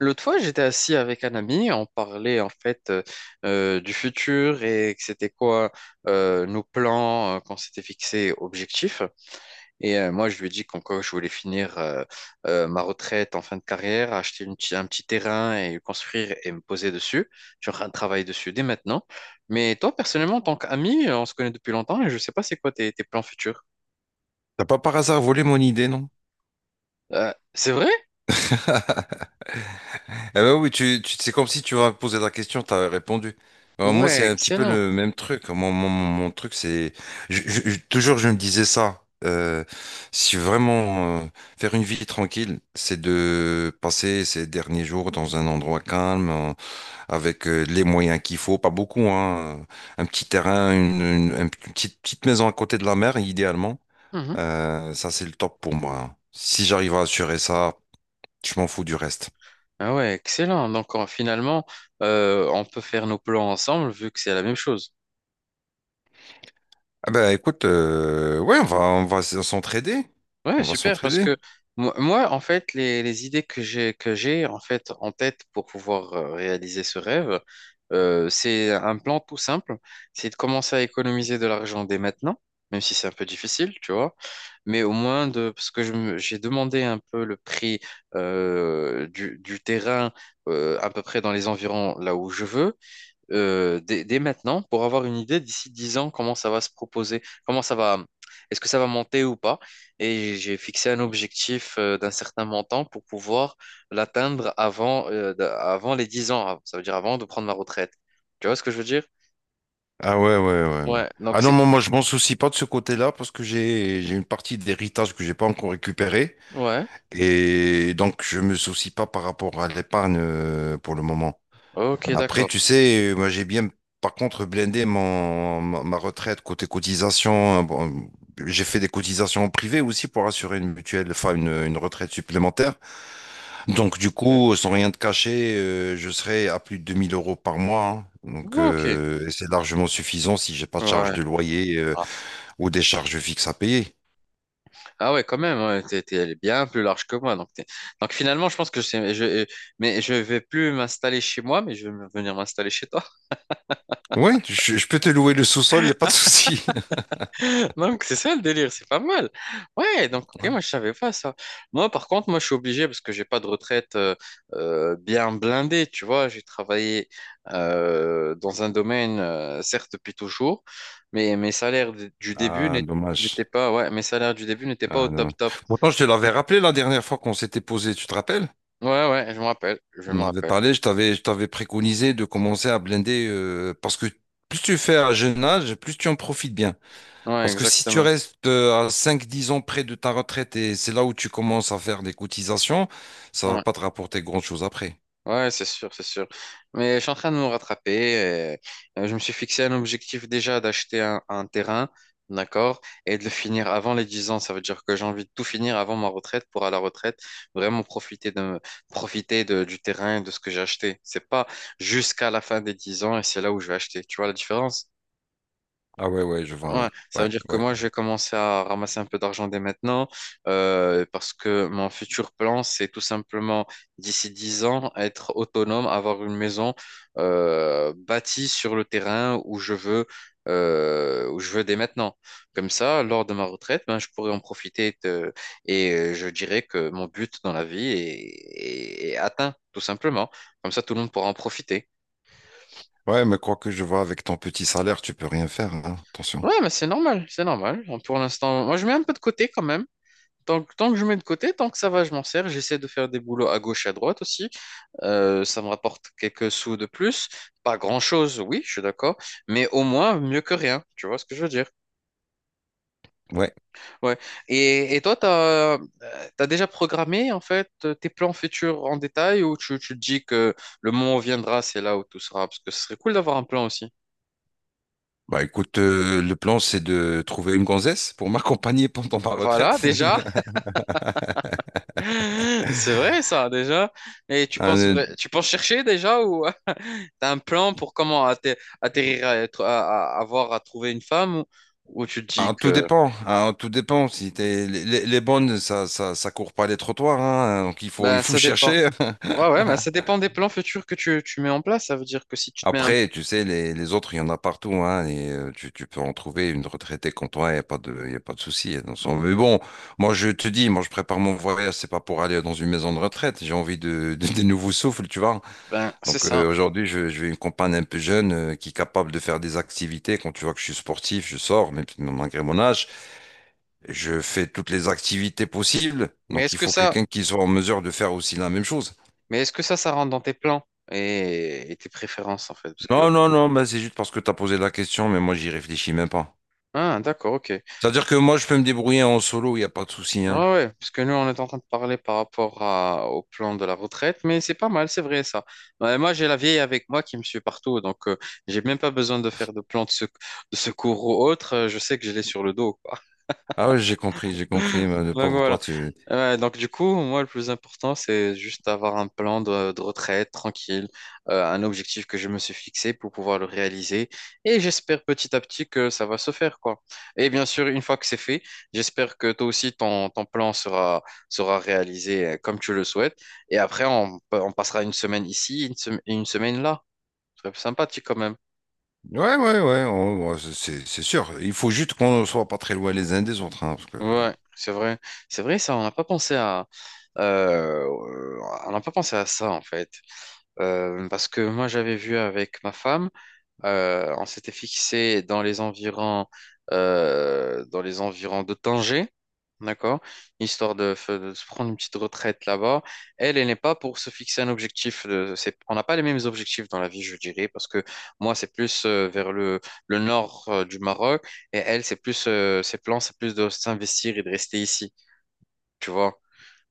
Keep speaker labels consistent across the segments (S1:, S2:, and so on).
S1: L'autre fois, j'étais assis avec un ami, on parlait en fait du futur et que c'était quoi, nos plans, qu'on s'était fixés objectifs. Et moi, je lui ai dit qu'en quoi je voulais finir ma retraite en fin de carrière, acheter un petit terrain et le construire et me poser dessus. Je suis en train de travailler dessus dès maintenant. Mais toi, personnellement, en tant qu'ami, on se connaît depuis longtemps et je ne sais pas c'est quoi tes plans futurs.
S2: T'as pas par hasard volé mon idée, non?
S1: C'est vrai?
S2: Eh ben oui, tu, c'est comme si tu m'avais posé la question, t'avais répondu. Alors moi,
S1: Ouais,
S2: c'est un petit peu
S1: excellent.
S2: le même truc. Mon truc, c'est... toujours, je me disais ça. Si vraiment faire une vie tranquille, c'est de passer ces derniers jours dans un endroit calme, avec les moyens qu'il faut, pas beaucoup, hein. Un petit terrain, une petite, petite maison à côté de la mer, idéalement. Ça, c'est le top pour moi. Si j'arrive à assurer ça, je m'en fous du reste.
S1: Ah ouais, excellent. Donc finalement, on peut faire nos plans ensemble vu que c'est la même chose.
S2: Ah bah écoute, ouais, on va s'entraider.
S1: Ouais,
S2: On va
S1: super. Parce
S2: s'entraider.
S1: que moi, en fait, les idées que j'ai en fait en tête pour pouvoir réaliser ce rêve, c'est un plan tout simple. C'est de commencer à économiser de l'argent dès maintenant, même si c'est un peu difficile, tu vois. Mais au moins de parce que j'ai demandé un peu le prix du terrain, à peu près dans les environs là où je veux, dès maintenant pour avoir une idée d'ici 10 ans comment ça va se proposer, comment ça va, est-ce que ça va monter ou pas. Et j'ai fixé un objectif d'un certain montant pour pouvoir l'atteindre avant les 10 ans, ça veut dire avant de prendre ma retraite. Tu vois ce que je veux dire?
S2: Ah ouais, ouais, ouais, ouais.
S1: Ouais,
S2: Ah
S1: donc
S2: non,
S1: c'est.
S2: moi, je m'en soucie pas de ce côté-là parce que j'ai une partie d'héritage que j'ai pas encore récupérée.
S1: Ouais,
S2: Et donc, je me soucie pas par rapport à l'épargne pour le moment.
S1: ok,
S2: Après,
S1: d'accord.
S2: tu sais, moi, j'ai bien, par contre, blindé ma retraite côté cotisation. Bon, j'ai fait des cotisations en privé aussi pour assurer une mutuelle, enfin, une retraite supplémentaire. Donc, du
S1: Ok.
S2: coup, sans rien te cacher, je serai à plus de 2000 € par mois, hein. Donc,
S1: Ok.
S2: et c'est largement suffisant si j'ai pas de charge
S1: Ouais.
S2: de loyer
S1: Ah
S2: ou des charges fixes à payer.
S1: ah ouais, quand même, ouais, t'es, t'es elle est bien plus large que moi. Donc, donc finalement, je pense que je sais, mais je vais plus m'installer chez moi, mais je vais venir m'installer chez toi.
S2: Ouais, je peux te louer le sous-sol, il n'y a pas de souci.
S1: Donc, c'est ça le délire, c'est pas mal. Ouais, donc, ok,
S2: Ouais.
S1: moi, je savais pas ça. Moi, par contre, moi, je suis obligé parce que j'ai pas de retraite bien blindée, tu vois. J'ai travaillé dans un domaine, certes, depuis toujours, mais mes salaires du début
S2: Ah,
S1: n'étaient
S2: dommage.
S1: pas. Ouais, mes salaires du début n'étaient pas au
S2: Ah,
S1: top
S2: dommage.
S1: top.
S2: Pourtant, je te l'avais rappelé la dernière fois qu'on s'était posé, tu te rappelles?
S1: Ouais, ouais, je me rappelle, je me
S2: On avait
S1: rappelle.
S2: parlé, je t'avais préconisé de commencer à blinder parce que plus tu fais à jeune âge, plus tu en profites bien.
S1: Ouais,
S2: Parce que si tu
S1: exactement.
S2: restes à 5 10 ans près de ta retraite et c'est là où tu commences à faire des cotisations, ça va
S1: Ouais.
S2: pas te rapporter grand-chose après.
S1: Ouais, c'est sûr, c'est sûr. Mais je suis en train de me rattraper. Et, je me suis fixé un objectif déjà d'acheter un terrain, d'accord, et de le finir avant les 10 ans. Ça veut dire que j'ai envie de tout finir avant ma retraite pour à la retraite vraiment profiter profiter du terrain et de ce que j'ai acheté. C'est pas jusqu'à la fin des 10 ans et c'est là où je vais acheter. Tu vois la différence?
S2: Ah ouais, ouais, je vois,
S1: Ouais,
S2: ouais.
S1: ça veut
S2: Ouais,
S1: dire que
S2: ouais.
S1: moi, je vais commencer à ramasser un peu d'argent dès maintenant, parce que mon futur plan, c'est tout simplement, d'ici 10 ans, être autonome, avoir une maison bâtie sur le terrain où je veux dès maintenant. Comme ça, lors de ma retraite, ben, je pourrais en profiter et je dirais que mon but dans la vie est atteint, tout simplement. Comme ça, tout le monde pourra en profiter.
S2: Ouais, mais quoi que je vois, avec ton petit salaire, tu peux rien faire, hein. Attention.
S1: Ouais, mais c'est normal, c'est normal. Pour l'instant, moi, je mets un peu de côté quand même. Donc, tant que je mets de côté, tant que ça va, je m'en sers. J'essaie de faire des boulots à gauche et à droite aussi. Ça me rapporte quelques sous de plus. Pas grand-chose, oui, je suis d'accord. Mais au moins, mieux que rien. Tu vois ce que je veux dire?
S2: Ouais.
S1: Ouais. Et toi, t'as déjà programmé, en fait, tes plans futurs en détail ou tu te dis que le moment viendra, c'est là où tout sera? Parce que ce serait cool d'avoir un plan aussi.
S2: Bah écoute, le plan, c'est de trouver une gonzesse pour m'accompagner pendant ma
S1: Voilà,
S2: retraite.
S1: déjà. C'est vrai, ça, déjà. Et tu penses,
S2: Euh,
S1: tu penses chercher déjà ou. T'as un plan pour comment atterrir à, être- à- avoir à trouver une femme ou, tu te dis
S2: ah, tout
S1: que
S2: dépend, hein, tout dépend. Si t'es, les bonnes, ça court pas les trottoirs, hein, donc il faut, il
S1: ben
S2: faut
S1: ça dépend.
S2: chercher.
S1: Ouais ouais, mais ça dépend des plans futurs que tu mets en place. Ça veut dire que si tu te mets un.
S2: Après, tu sais, les autres, il y en a partout, hein, et tu peux en trouver une retraitée comme toi, il y a pas de souci, hein. Mais bon, moi, je te dis, moi, je prépare mon voyage, c'est pas pour aller dans une maison de retraite, j'ai envie de, de, des nouveaux souffles, tu vois.
S1: Ben, c'est
S2: Donc,
S1: ça.
S2: aujourd'hui, je vais une compagne un peu jeune, qui est capable de faire des activités. Quand tu vois que je suis sportif, je sors, même si- malgré mon âge, je fais toutes les activités possibles.
S1: Mais
S2: Donc,
S1: est-ce
S2: il
S1: que
S2: faut
S1: ça
S2: quelqu'un qui soit en mesure de faire aussi la même chose.
S1: mais est-ce que ça rentre dans tes plans et tes préférences en fait parce que.
S2: Non, non, non, bah, c'est juste parce que tu as posé la question, mais moi, j'y réfléchis même pas.
S1: Ah, d'accord, ok.
S2: C'est-à-dire que moi, je peux me débrouiller en solo, il n'y a pas de souci,
S1: Ouais,
S2: hein.
S1: ouais, parce que nous, on est en train de parler par rapport au plan de la retraite, mais c'est pas mal, c'est vrai ça. Ouais, moi, j'ai la vieille avec moi qui me suit partout, donc j'ai même pas besoin de faire de plan de secours ou autre. Je sais que je l'ai sur le dos.
S2: Ah ouais, j'ai compris, j'ai compris, mais le
S1: Donc
S2: pauvre toi,
S1: voilà.
S2: tu...
S1: Ouais, donc du coup, moi, le plus important, c'est juste avoir un plan de retraite tranquille, un objectif que je me suis fixé pour pouvoir le réaliser. Et j'espère petit à petit que ça va se faire, quoi. Et bien sûr, une fois que c'est fait, j'espère que toi aussi, ton plan sera réalisé, comme tu le souhaites. Et après, on passera une semaine ici, et une semaine là. C'est sympathique quand même.
S2: Ouais, ouais, ouais, c'est sûr. Il faut juste qu'on ne soit pas très loin les uns des autres, hein, parce que...
S1: Ouais, c'est vrai. C'est vrai, ça, euh, on n'a pas pensé à ça, en fait. Parce que moi, j'avais vu avec ma femme, on s'était fixé dans les environs de Tanger, d'accord? Histoire de se prendre une petite retraite là-bas. Elle, elle n'est pas pour se fixer un objectif. On n'a pas les mêmes objectifs dans la vie, je dirais, parce que moi, c'est plus vers le nord, du Maroc, et elle, ses plans, c'est plus de s'investir et de rester ici, tu vois?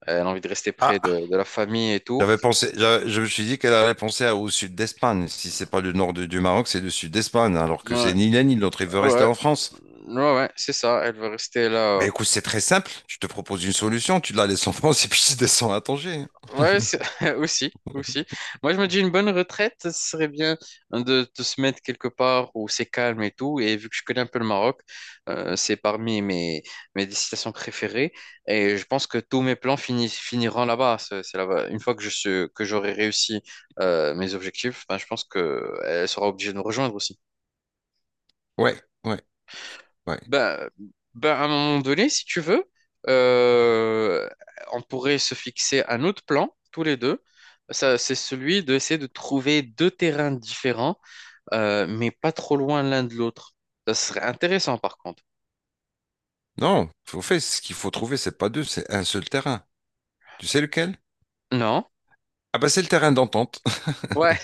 S1: Elle a envie de rester près
S2: Ah,
S1: de la famille et tout.
S2: j'avais pensé, je me suis dit qu'elle allait penser au sud d'Espagne. Si c'est pas le nord du Maroc, c'est le sud d'Espagne, alors que c'est
S1: Ouais.
S2: ni l'un ni l'autre. Il veut rester
S1: Ouais,
S2: en France.
S1: ouais, ouais, c'est ça, elle veut rester
S2: Ben
S1: là.
S2: écoute, c'est très simple. Je te propose une solution. Tu la laisses en France et puis tu descends à Tanger.
S1: Ouais, aussi, aussi. Moi, je me dis une bonne retraite, ce serait bien de se mettre quelque part où c'est calme et tout. Et vu que je connais un peu le Maroc, c'est parmi mes destinations préférées. Et je pense que tous mes plans finiront là-bas. C'est là-bas. Une fois que que j'aurai réussi, mes objectifs, ben, je pense qu'elle sera obligée de nous rejoindre aussi.
S2: Ouais, ouais. Ouais.
S1: Ben, à un moment donné, si tu veux, euh, on pourrait se fixer un autre plan, tous les deux. Ça, c'est celui d'essayer de trouver deux terrains différents, mais pas trop loin l'un de l'autre. Ça serait intéressant, par contre.
S2: Non, faut faire ce qu'il faut trouver, c'est pas deux, c'est un seul terrain. Tu sais lequel?
S1: Non?
S2: Ah bah c'est le terrain d'entente.
S1: Ouais,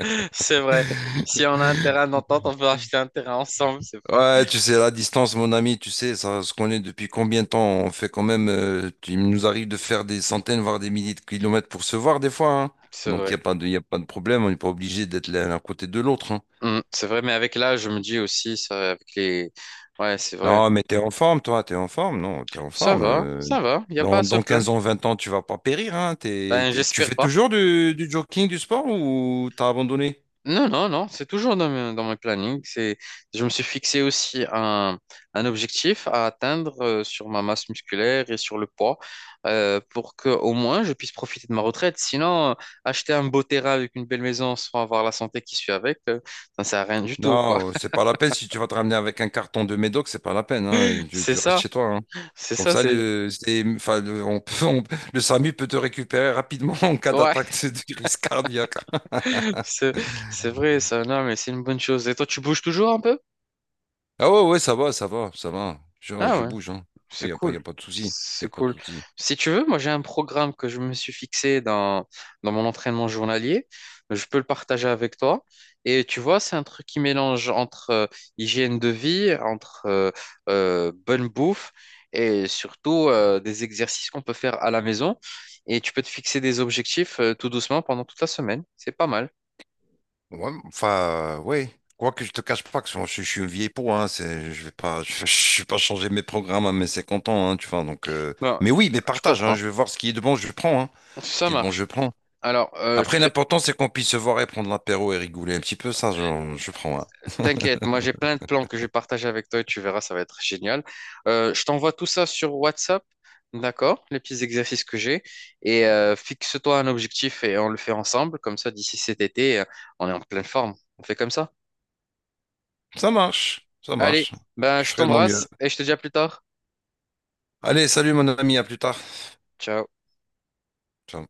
S1: c'est vrai. Si on a un terrain d'entente, on peut acheter un terrain ensemble. C'est
S2: Ouais, tu sais, la distance, mon ami, tu sais, ça se connaît depuis combien de temps? On fait quand même, il nous arrive de faire des centaines, voire des milliers de kilomètres pour se voir des fois, hein.
S1: c'est
S2: Donc il n'y
S1: vrai.
S2: a pas de, y a pas de problème, on n'est pas obligé d'être l'un à côté de l'autre, hein.
S1: Mm, c'est vrai, mais avec l'âge, je me dis aussi, ça, avec les. Ouais, c'est vrai.
S2: Non, mais t'es en forme, toi, t'es en forme, non, t'es en
S1: Ça
S2: forme.
S1: va,
S2: euh,
S1: ça va. Il n'y a pas
S2: dans,
S1: à se
S2: dans
S1: plaindre.
S2: 15 ans, 20 ans, tu vas pas périr. Hein. T'es-
S1: Ben,
S2: t'es- tu
S1: j'espère
S2: fais
S1: pas.
S2: toujours du jogging, du sport ou t'as abandonné?
S1: Non, non, non, c'est toujours dans mes plannings. Je me suis fixé aussi un objectif à atteindre, sur ma masse musculaire et sur le poids, pour que au moins je puisse profiter de ma retraite. Sinon, acheter un beau terrain avec une belle maison sans avoir la santé qui suit avec, ça ne sert à rien du tout, quoi.
S2: Non, c'est pas la peine. Si tu vas te ramener avec un carton de médoc, c'est pas la peine, hein. Tu,
S1: C'est
S2: tu restes
S1: ça,
S2: chez toi, hein.
S1: c'est
S2: Comme
S1: ça,
S2: ça,
S1: c'est
S2: le, c'est- enfin, le, on peut- le SAMU peut te récupérer rapidement en cas
S1: ouais.
S2: d'attaque de crise cardiaque.
S1: c'est c'est vrai, ça, non, mais c'est une bonne chose. Et toi, tu bouges toujours un peu?
S2: Ah ouais, ouais, ça va, ça va, ça va. Je,
S1: Ah
S2: je
S1: ouais.
S2: bouge, hein. Il
S1: C'est
S2: n'y a pas, y
S1: cool.
S2: a pas de souci. Il
S1: C'est
S2: a pas de
S1: cool.
S2: souci.
S1: Si tu veux, moi j'ai un programme que je me suis fixé dans mon entraînement journalier. Je peux le partager avec toi. Et tu vois, c'est un truc qui mélange entre hygiène de vie, entre bonne bouffe et surtout des exercices qu'on peut faire à la maison. Et tu peux te fixer des objectifs, tout doucement pendant toute la semaine. C'est pas mal.
S2: Ouais, enfin, ouais. Quoique je te cache pas que je suis une vieille peau, hein, je vais pas, je vais pas changer mes programmes à mes 50 ans, hein, tu vois, donc,
S1: Bon,
S2: mais oui, mais
S1: je
S2: partage, hein,
S1: comprends.
S2: je vais voir ce qui est de bon, je prends, hein, ce
S1: Ça
S2: qui est de bon, je
S1: marche.
S2: prends.
S1: Alors,
S2: Après, l'important, c'est qu'on puisse se voir et prendre l'apéro et rigoler un petit peu. Ça, je prends, hein.
S1: t'inquiète, moi j'ai plein de plans que je vais partager avec toi et tu verras, ça va être génial. Je t'envoie tout ça sur WhatsApp, d'accord? Les petits exercices que j'ai. Et fixe-toi un objectif et on le fait ensemble. Comme ça, d'ici cet été, on est en pleine forme. On fait comme ça.
S2: Ça marche, ça
S1: Allez,
S2: marche.
S1: ben,
S2: Je
S1: je
S2: ferai de mon mieux.
S1: t'embrasse et je te dis à plus tard.
S2: Allez, salut mon ami, à plus tard.
S1: Ciao.
S2: Ciao.